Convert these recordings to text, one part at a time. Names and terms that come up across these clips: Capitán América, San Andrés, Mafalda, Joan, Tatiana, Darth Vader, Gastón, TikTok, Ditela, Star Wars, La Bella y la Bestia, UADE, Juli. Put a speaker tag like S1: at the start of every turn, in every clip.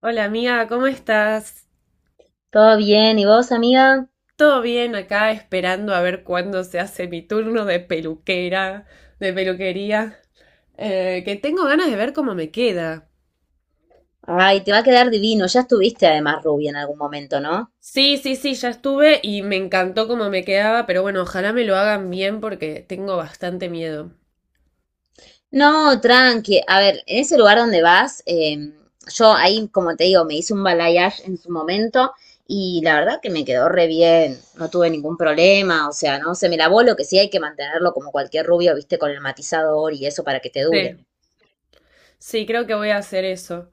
S1: Hola amiga, ¿cómo estás?
S2: Todo bien, ¿y vos, amiga?
S1: ¿Todo bien acá esperando a ver cuándo se hace mi turno de peluquera, de peluquería? Que tengo ganas de ver cómo me queda.
S2: Ay, te va a quedar divino. Ya estuviste además rubia en algún momento, ¿no?
S1: Sí, sí, sí, ya estuve y me encantó cómo me quedaba, pero bueno, ojalá me lo hagan bien porque tengo bastante miedo.
S2: No, tranqui. A ver, en ese lugar donde vas, yo ahí, como te digo, me hice un balayage en su momento y la verdad que me quedó re bien. No tuve ningún problema, o sea, no se me lavó lo que sí hay que mantenerlo como cualquier rubio, viste, con el matizador y eso para que te dure.
S1: Sí, sí, creo que voy a hacer eso.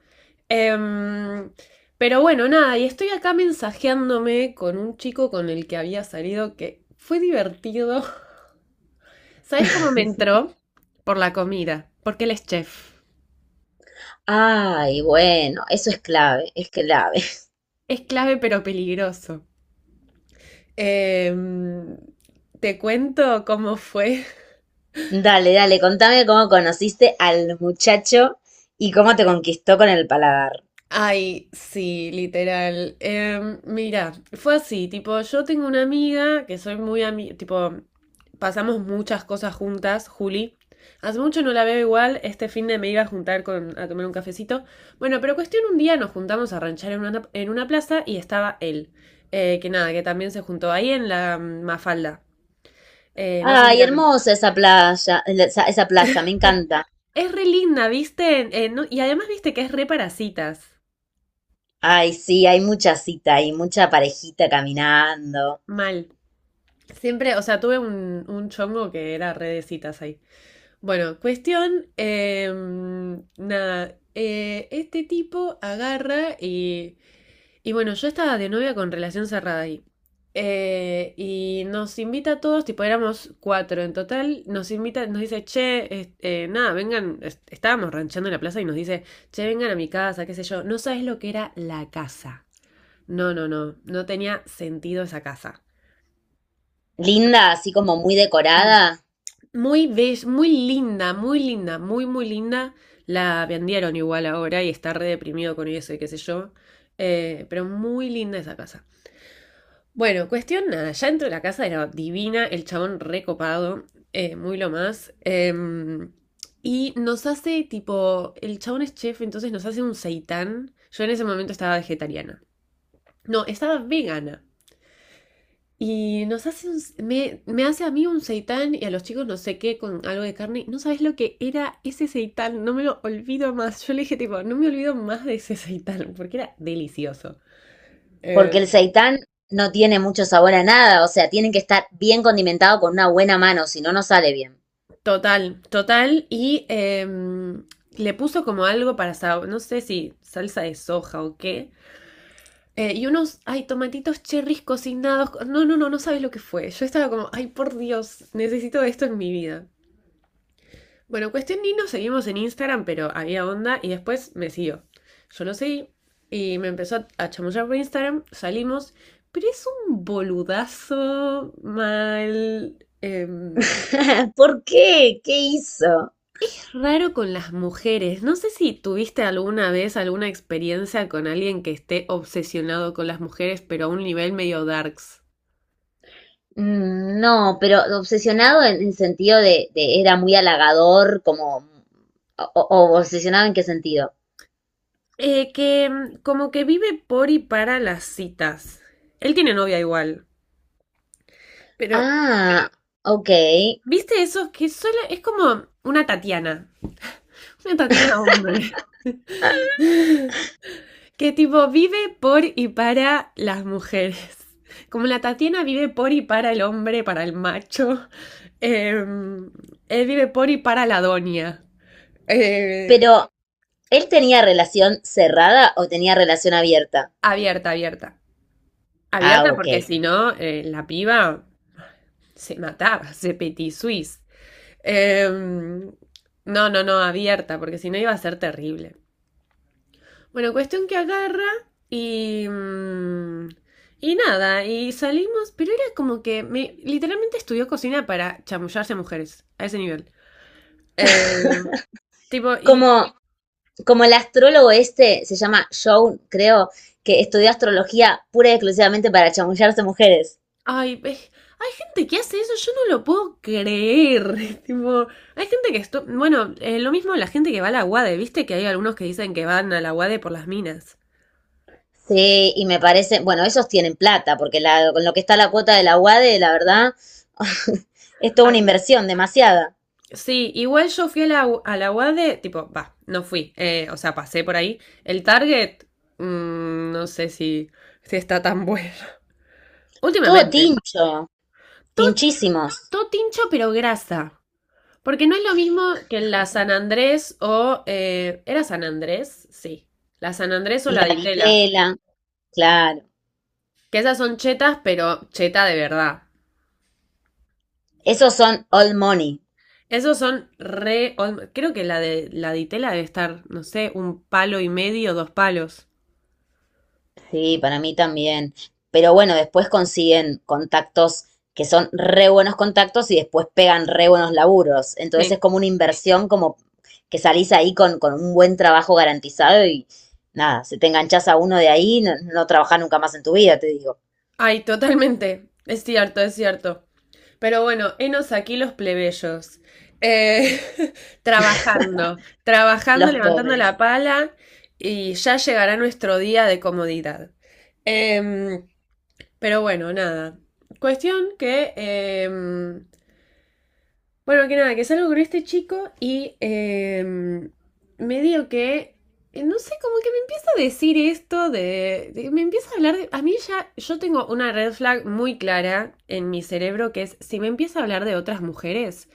S1: Em, pero bueno, nada, y estoy acá mensajeándome con un chico con el que había salido que fue divertido. ¿Sabes cómo me entró? Por la comida, porque él es chef.
S2: Ay, bueno, eso es clave, es clave.
S1: Es clave pero peligroso. Em, Te cuento cómo fue.
S2: Dale, dale, contame cómo conociste al muchacho y cómo te conquistó con el paladar.
S1: Ay, sí, literal. Mira, fue así, tipo, yo tengo una amiga que soy muy amiga, tipo, pasamos muchas cosas juntas, Juli. Hace mucho no la veo igual, este fin de me iba a juntar a tomar un cafecito. Bueno, pero cuestión un día nos juntamos a ranchar en una plaza y estaba él. Que nada, que también se juntó ahí en la Mafalda. No sé si
S2: Ay,
S1: la con...
S2: hermosa esa playa, esa, esa plaza, me encanta.
S1: Es re linda, ¿viste? No- y además viste que es re parasitas.
S2: Ay, sí, hay mucha cita y mucha parejita caminando.
S1: Mal. Siempre, o sea, tuve un chongo que era re de citas ahí. Bueno, cuestión, nada, este tipo agarra y bueno, yo estaba de novia con relación cerrada ahí. Y nos invita a todos, tipo éramos cuatro en total, nos invita, nos dice, che, nada, vengan, estábamos ranchando en la plaza y nos dice, che, vengan a mi casa, qué sé yo, no sabes lo que era la casa. No, no, no, no tenía sentido esa casa.
S2: Linda, así como muy decorada,
S1: Muy bella, muy linda, muy linda, muy, muy linda. La vendieron igual ahora y está re deprimido con eso y qué sé yo. Pero muy linda esa casa. Bueno, cuestión nada, ya dentro de la casa era divina, el chabón recopado, muy lo más. Y nos hace tipo, el chabón es chef, entonces nos hace un seitán. Yo en ese momento estaba vegetariana. No, estaba vegana. Y nos hace me hace a mí un seitán y a los chicos no sé qué con algo de carne. No sabes lo que era ese seitán, no me lo olvido más. Yo le dije tipo, no me olvido más de ese seitán porque era delicioso.
S2: porque
S1: Eh,
S2: el seitán no tiene mucho sabor a nada, o sea, tiene que estar bien condimentado con una buena mano, si no, no sale bien.
S1: Total, total. Y le puso como algo para, no sé si salsa de soja o qué. Y unos, ay, tomatitos cherries cocinados. No, no, no, no sabes lo que fue. Yo estaba como, ay, por Dios, necesito esto en mi vida. Bueno, cuestión ni nos seguimos en Instagram, pero había onda y después me siguió. Yo lo seguí y me empezó a chamullar por Instagram, salimos, pero es un boludazo mal.
S2: ¿Por qué? ¿Qué hizo?
S1: Raro con las mujeres. No sé si tuviste alguna vez alguna experiencia con alguien que esté obsesionado con las mujeres, pero a un nivel medio darks.
S2: Mm, no, pero obsesionado en el sentido de era muy halagador, como... O, o- ¿o obsesionado en qué sentido?
S1: Como que vive por y para las citas. Él tiene novia igual. Pero
S2: Ah, ok.
S1: ¿viste eso? Que solo es como una Tatiana. Una Tatiana hombre. Que tipo vive por y para las mujeres. Como la Tatiana vive por y para el hombre, para el macho. eh, Él vive por y para la doña. Eh,
S2: Pero ¿él tenía relación cerrada o tenía relación abierta?
S1: Abierta, abierta.
S2: Ah,
S1: Abierta
S2: ok.
S1: porque si no, la piba se mataba, se petit suisse. No, no, no, abierta, porque si no iba a ser terrible. Bueno, cuestión que agarra y... mm, y nada, y salimos, pero era como que me, literalmente estudió cocina para chamullarse a mujeres, a ese nivel. Eh, Tipo, y...
S2: Como, como el astrólogo este se llama Joan, creo, que estudió astrología pura y exclusivamente para chamullarse mujeres.
S1: Ay, hay gente que hace eso, yo no lo puedo creer. Tipo, hay gente que... Bueno, lo mismo la gente que va a la UADE, ¿viste? Que hay algunos que dicen que van a la UADE por las minas.
S2: Sí, y me parece, bueno, ellos tienen plata, porque la, con lo que está la cuota de la UADE, la verdad, es toda una
S1: Ay,
S2: inversión, demasiada.
S1: sí, igual yo fui a la UADE, tipo, va, no fui, o sea, pasé por ahí. El Target, no sé si está tan bueno.
S2: Todo
S1: Últimamente,
S2: tincho,
S1: todo,
S2: tinchísimos.
S1: todo tincho pero grasa, porque no es lo mismo que en la San Andrés o... ¿era San Andrés? Sí. La San Andrés o
S2: Y
S1: la
S2: la
S1: Ditela,
S2: vitela, claro.
S1: que esas son chetas, pero cheta de verdad.
S2: Esos son all money.
S1: Esos son re... Creo que la de la Ditela debe estar, no sé, un palo y medio, dos palos.
S2: Sí, para mí también. Pero bueno, después consiguen contactos que son re buenos contactos y después pegan re buenos laburos. Entonces es
S1: Sí.
S2: como una inversión, como que salís ahí con un buen trabajo garantizado y nada, si te enganchás a uno de ahí, no, no trabajás nunca más en tu vida, te digo.
S1: Ay, totalmente. Es cierto, es cierto. Pero bueno, henos aquí los plebeyos. Eh, Trabajando, trabajando,
S2: Los
S1: levantando la
S2: pobres.
S1: pala y ya llegará nuestro día de comodidad. Em, pero bueno, nada. Cuestión que nada, que salgo con este chico y medio que, no sé, como que me empieza a decir esto me empieza a hablar de, a mí ya, yo tengo una red flag muy clara en mi cerebro que es, si me empieza a hablar de otras mujeres,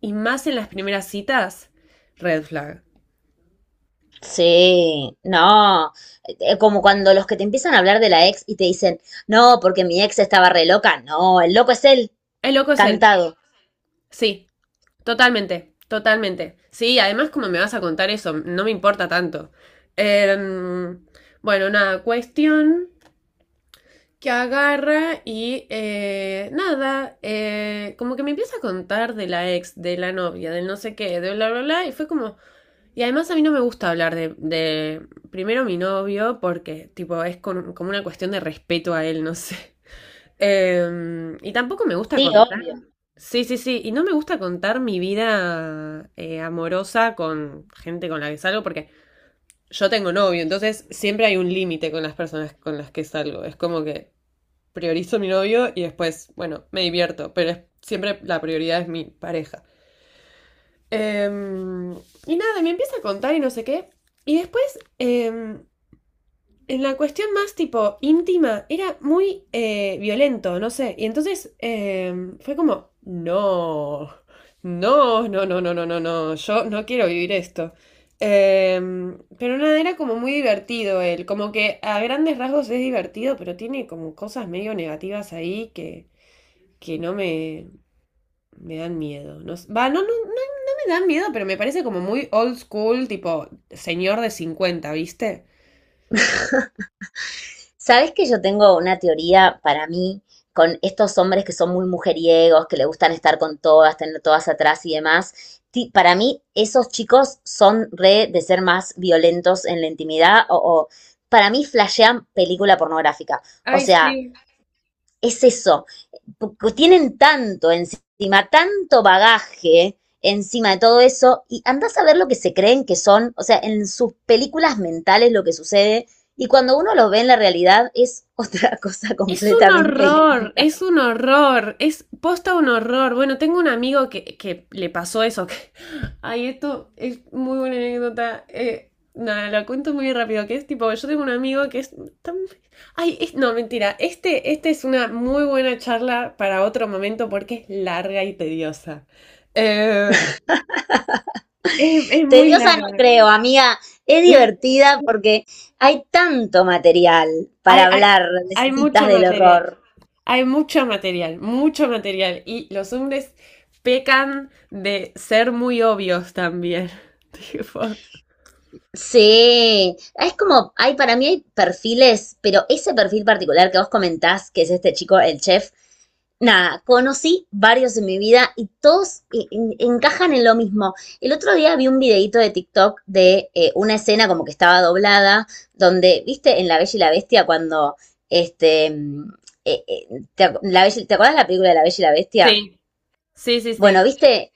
S1: y más en las primeras citas, red flag.
S2: Sí, no, como cuando los que te empiezan a hablar de la ex y te dicen, no, porque mi ex estaba re loca, no, el loco es él,
S1: El loco es él,
S2: cantado.
S1: sí, totalmente, totalmente. Sí, además como me vas a contar eso, no me importa tanto. Em, bueno, nada, cuestión que agarra y nada, como que me empieza a contar de la ex, de la novia, del no sé qué, de bla, bla, bla, y fue como... Y además a mí no me gusta hablar de primero mi novio porque tipo como una cuestión de respeto a él, no sé. Y tampoco me gusta
S2: Sí,
S1: contar.
S2: obvio.
S1: Sí, sí, sí. Y no me gusta contar mi vida amorosa con gente con la que salgo porque yo tengo novio, entonces siempre hay un límite con las personas con las que salgo. Es como que priorizo a mi novio y después, bueno, me divierto, pero siempre la prioridad es mi pareja. Em, y nada, me empieza a contar y no sé qué. Y después, en la cuestión más tipo íntima, era muy violento, no sé. Y entonces fue como, no, no, no, no, no, no, no, no, yo no quiero vivir esto. Pero nada, era como muy divertido él, como que a grandes rasgos es divertido, pero tiene como cosas medio negativas ahí que no me dan miedo. No, no, no, no, no me dan miedo, pero me parece como muy old school, tipo señor de cincuenta, ¿viste?
S2: Sabes que yo tengo una teoría para mí con estos hombres que son muy mujeriegos, que le gustan estar con todas, tener todas atrás y demás. Para mí, esos chicos son re de ser más violentos en la intimidad o para mí flashean película pornográfica. O
S1: Ay,
S2: sea,
S1: sí.
S2: es eso, tienen tanto encima, tanto bagaje encima de todo eso, y andás a ver lo que se creen que son, o sea, en sus películas mentales lo que sucede, y cuando uno los ve en la realidad es otra cosa
S1: Es un
S2: completamente
S1: horror, es un horror, es posta un horror. Bueno, tengo un amigo que le pasó eso. Ay, esto es muy buena anécdota. Nada, lo cuento muy rápido, que es tipo, yo tengo un amigo que es tan... Ay, no, mentira, este es una muy buena charla para otro momento porque es larga y tediosa. Eh, es muy
S2: tediosa, no
S1: larga.
S2: creo, amiga, es divertida porque hay tanto material para
S1: Hay, hay,
S2: hablar de
S1: Hay
S2: citas
S1: mucho
S2: del
S1: material.
S2: horror.
S1: Hay mucho material, mucho material. Y los hombres pecan de ser muy obvios también. Tipo,
S2: Sí, es como, hay para mí hay perfiles, pero ese perfil particular que vos comentás, que es este chico, el chef, nada, conocí varios en mi vida y todos encajan en lo mismo. El otro día vi un videíto de TikTok de una escena como que estaba doblada, donde, viste, en La Bella y la Bestia cuando, este, eh, eh, ¿te, la ¿te acuerdas la película de La Bella y la Bestia?
S1: sí, sí, sí,
S2: Bueno,
S1: sí.
S2: viste,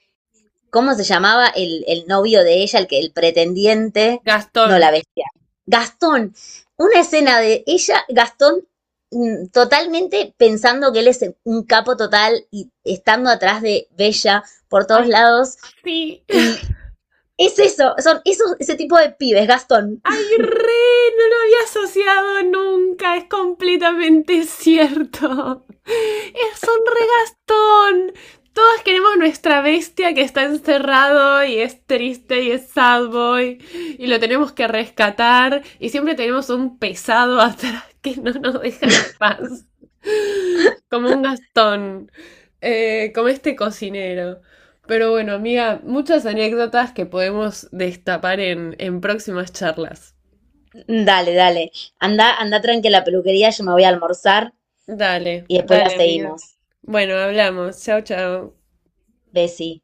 S2: ¿cómo se llamaba el novio de ella, el que el pretendiente? No, la
S1: Gastón.
S2: bestia. Gastón. Una escena de ella, Gastón, mm, totalmente pensando que él es un capo total y estando atrás de Bella por todos
S1: Ay,
S2: lados.
S1: sí,
S2: Y es eso, son esos, ese tipo de pibes, Gastón.
S1: ay, re, no lo había asociado nunca, es completamente cierto. Es un regastón. Todos queremos nuestra bestia que está encerrado y es triste y es sad boy y lo tenemos que rescatar y siempre tenemos un pesado atrás que no nos deja en paz. Como un Gastón, como este cocinero. Pero bueno, amiga, muchas anécdotas que podemos destapar en próximas charlas.
S2: Dale, dale. Anda, anda tranqui a la peluquería, yo me voy a almorzar
S1: Dale,
S2: y después la
S1: dale, amiga.
S2: seguimos.
S1: Bueno, hablamos. Chao, chao.
S2: Bessie.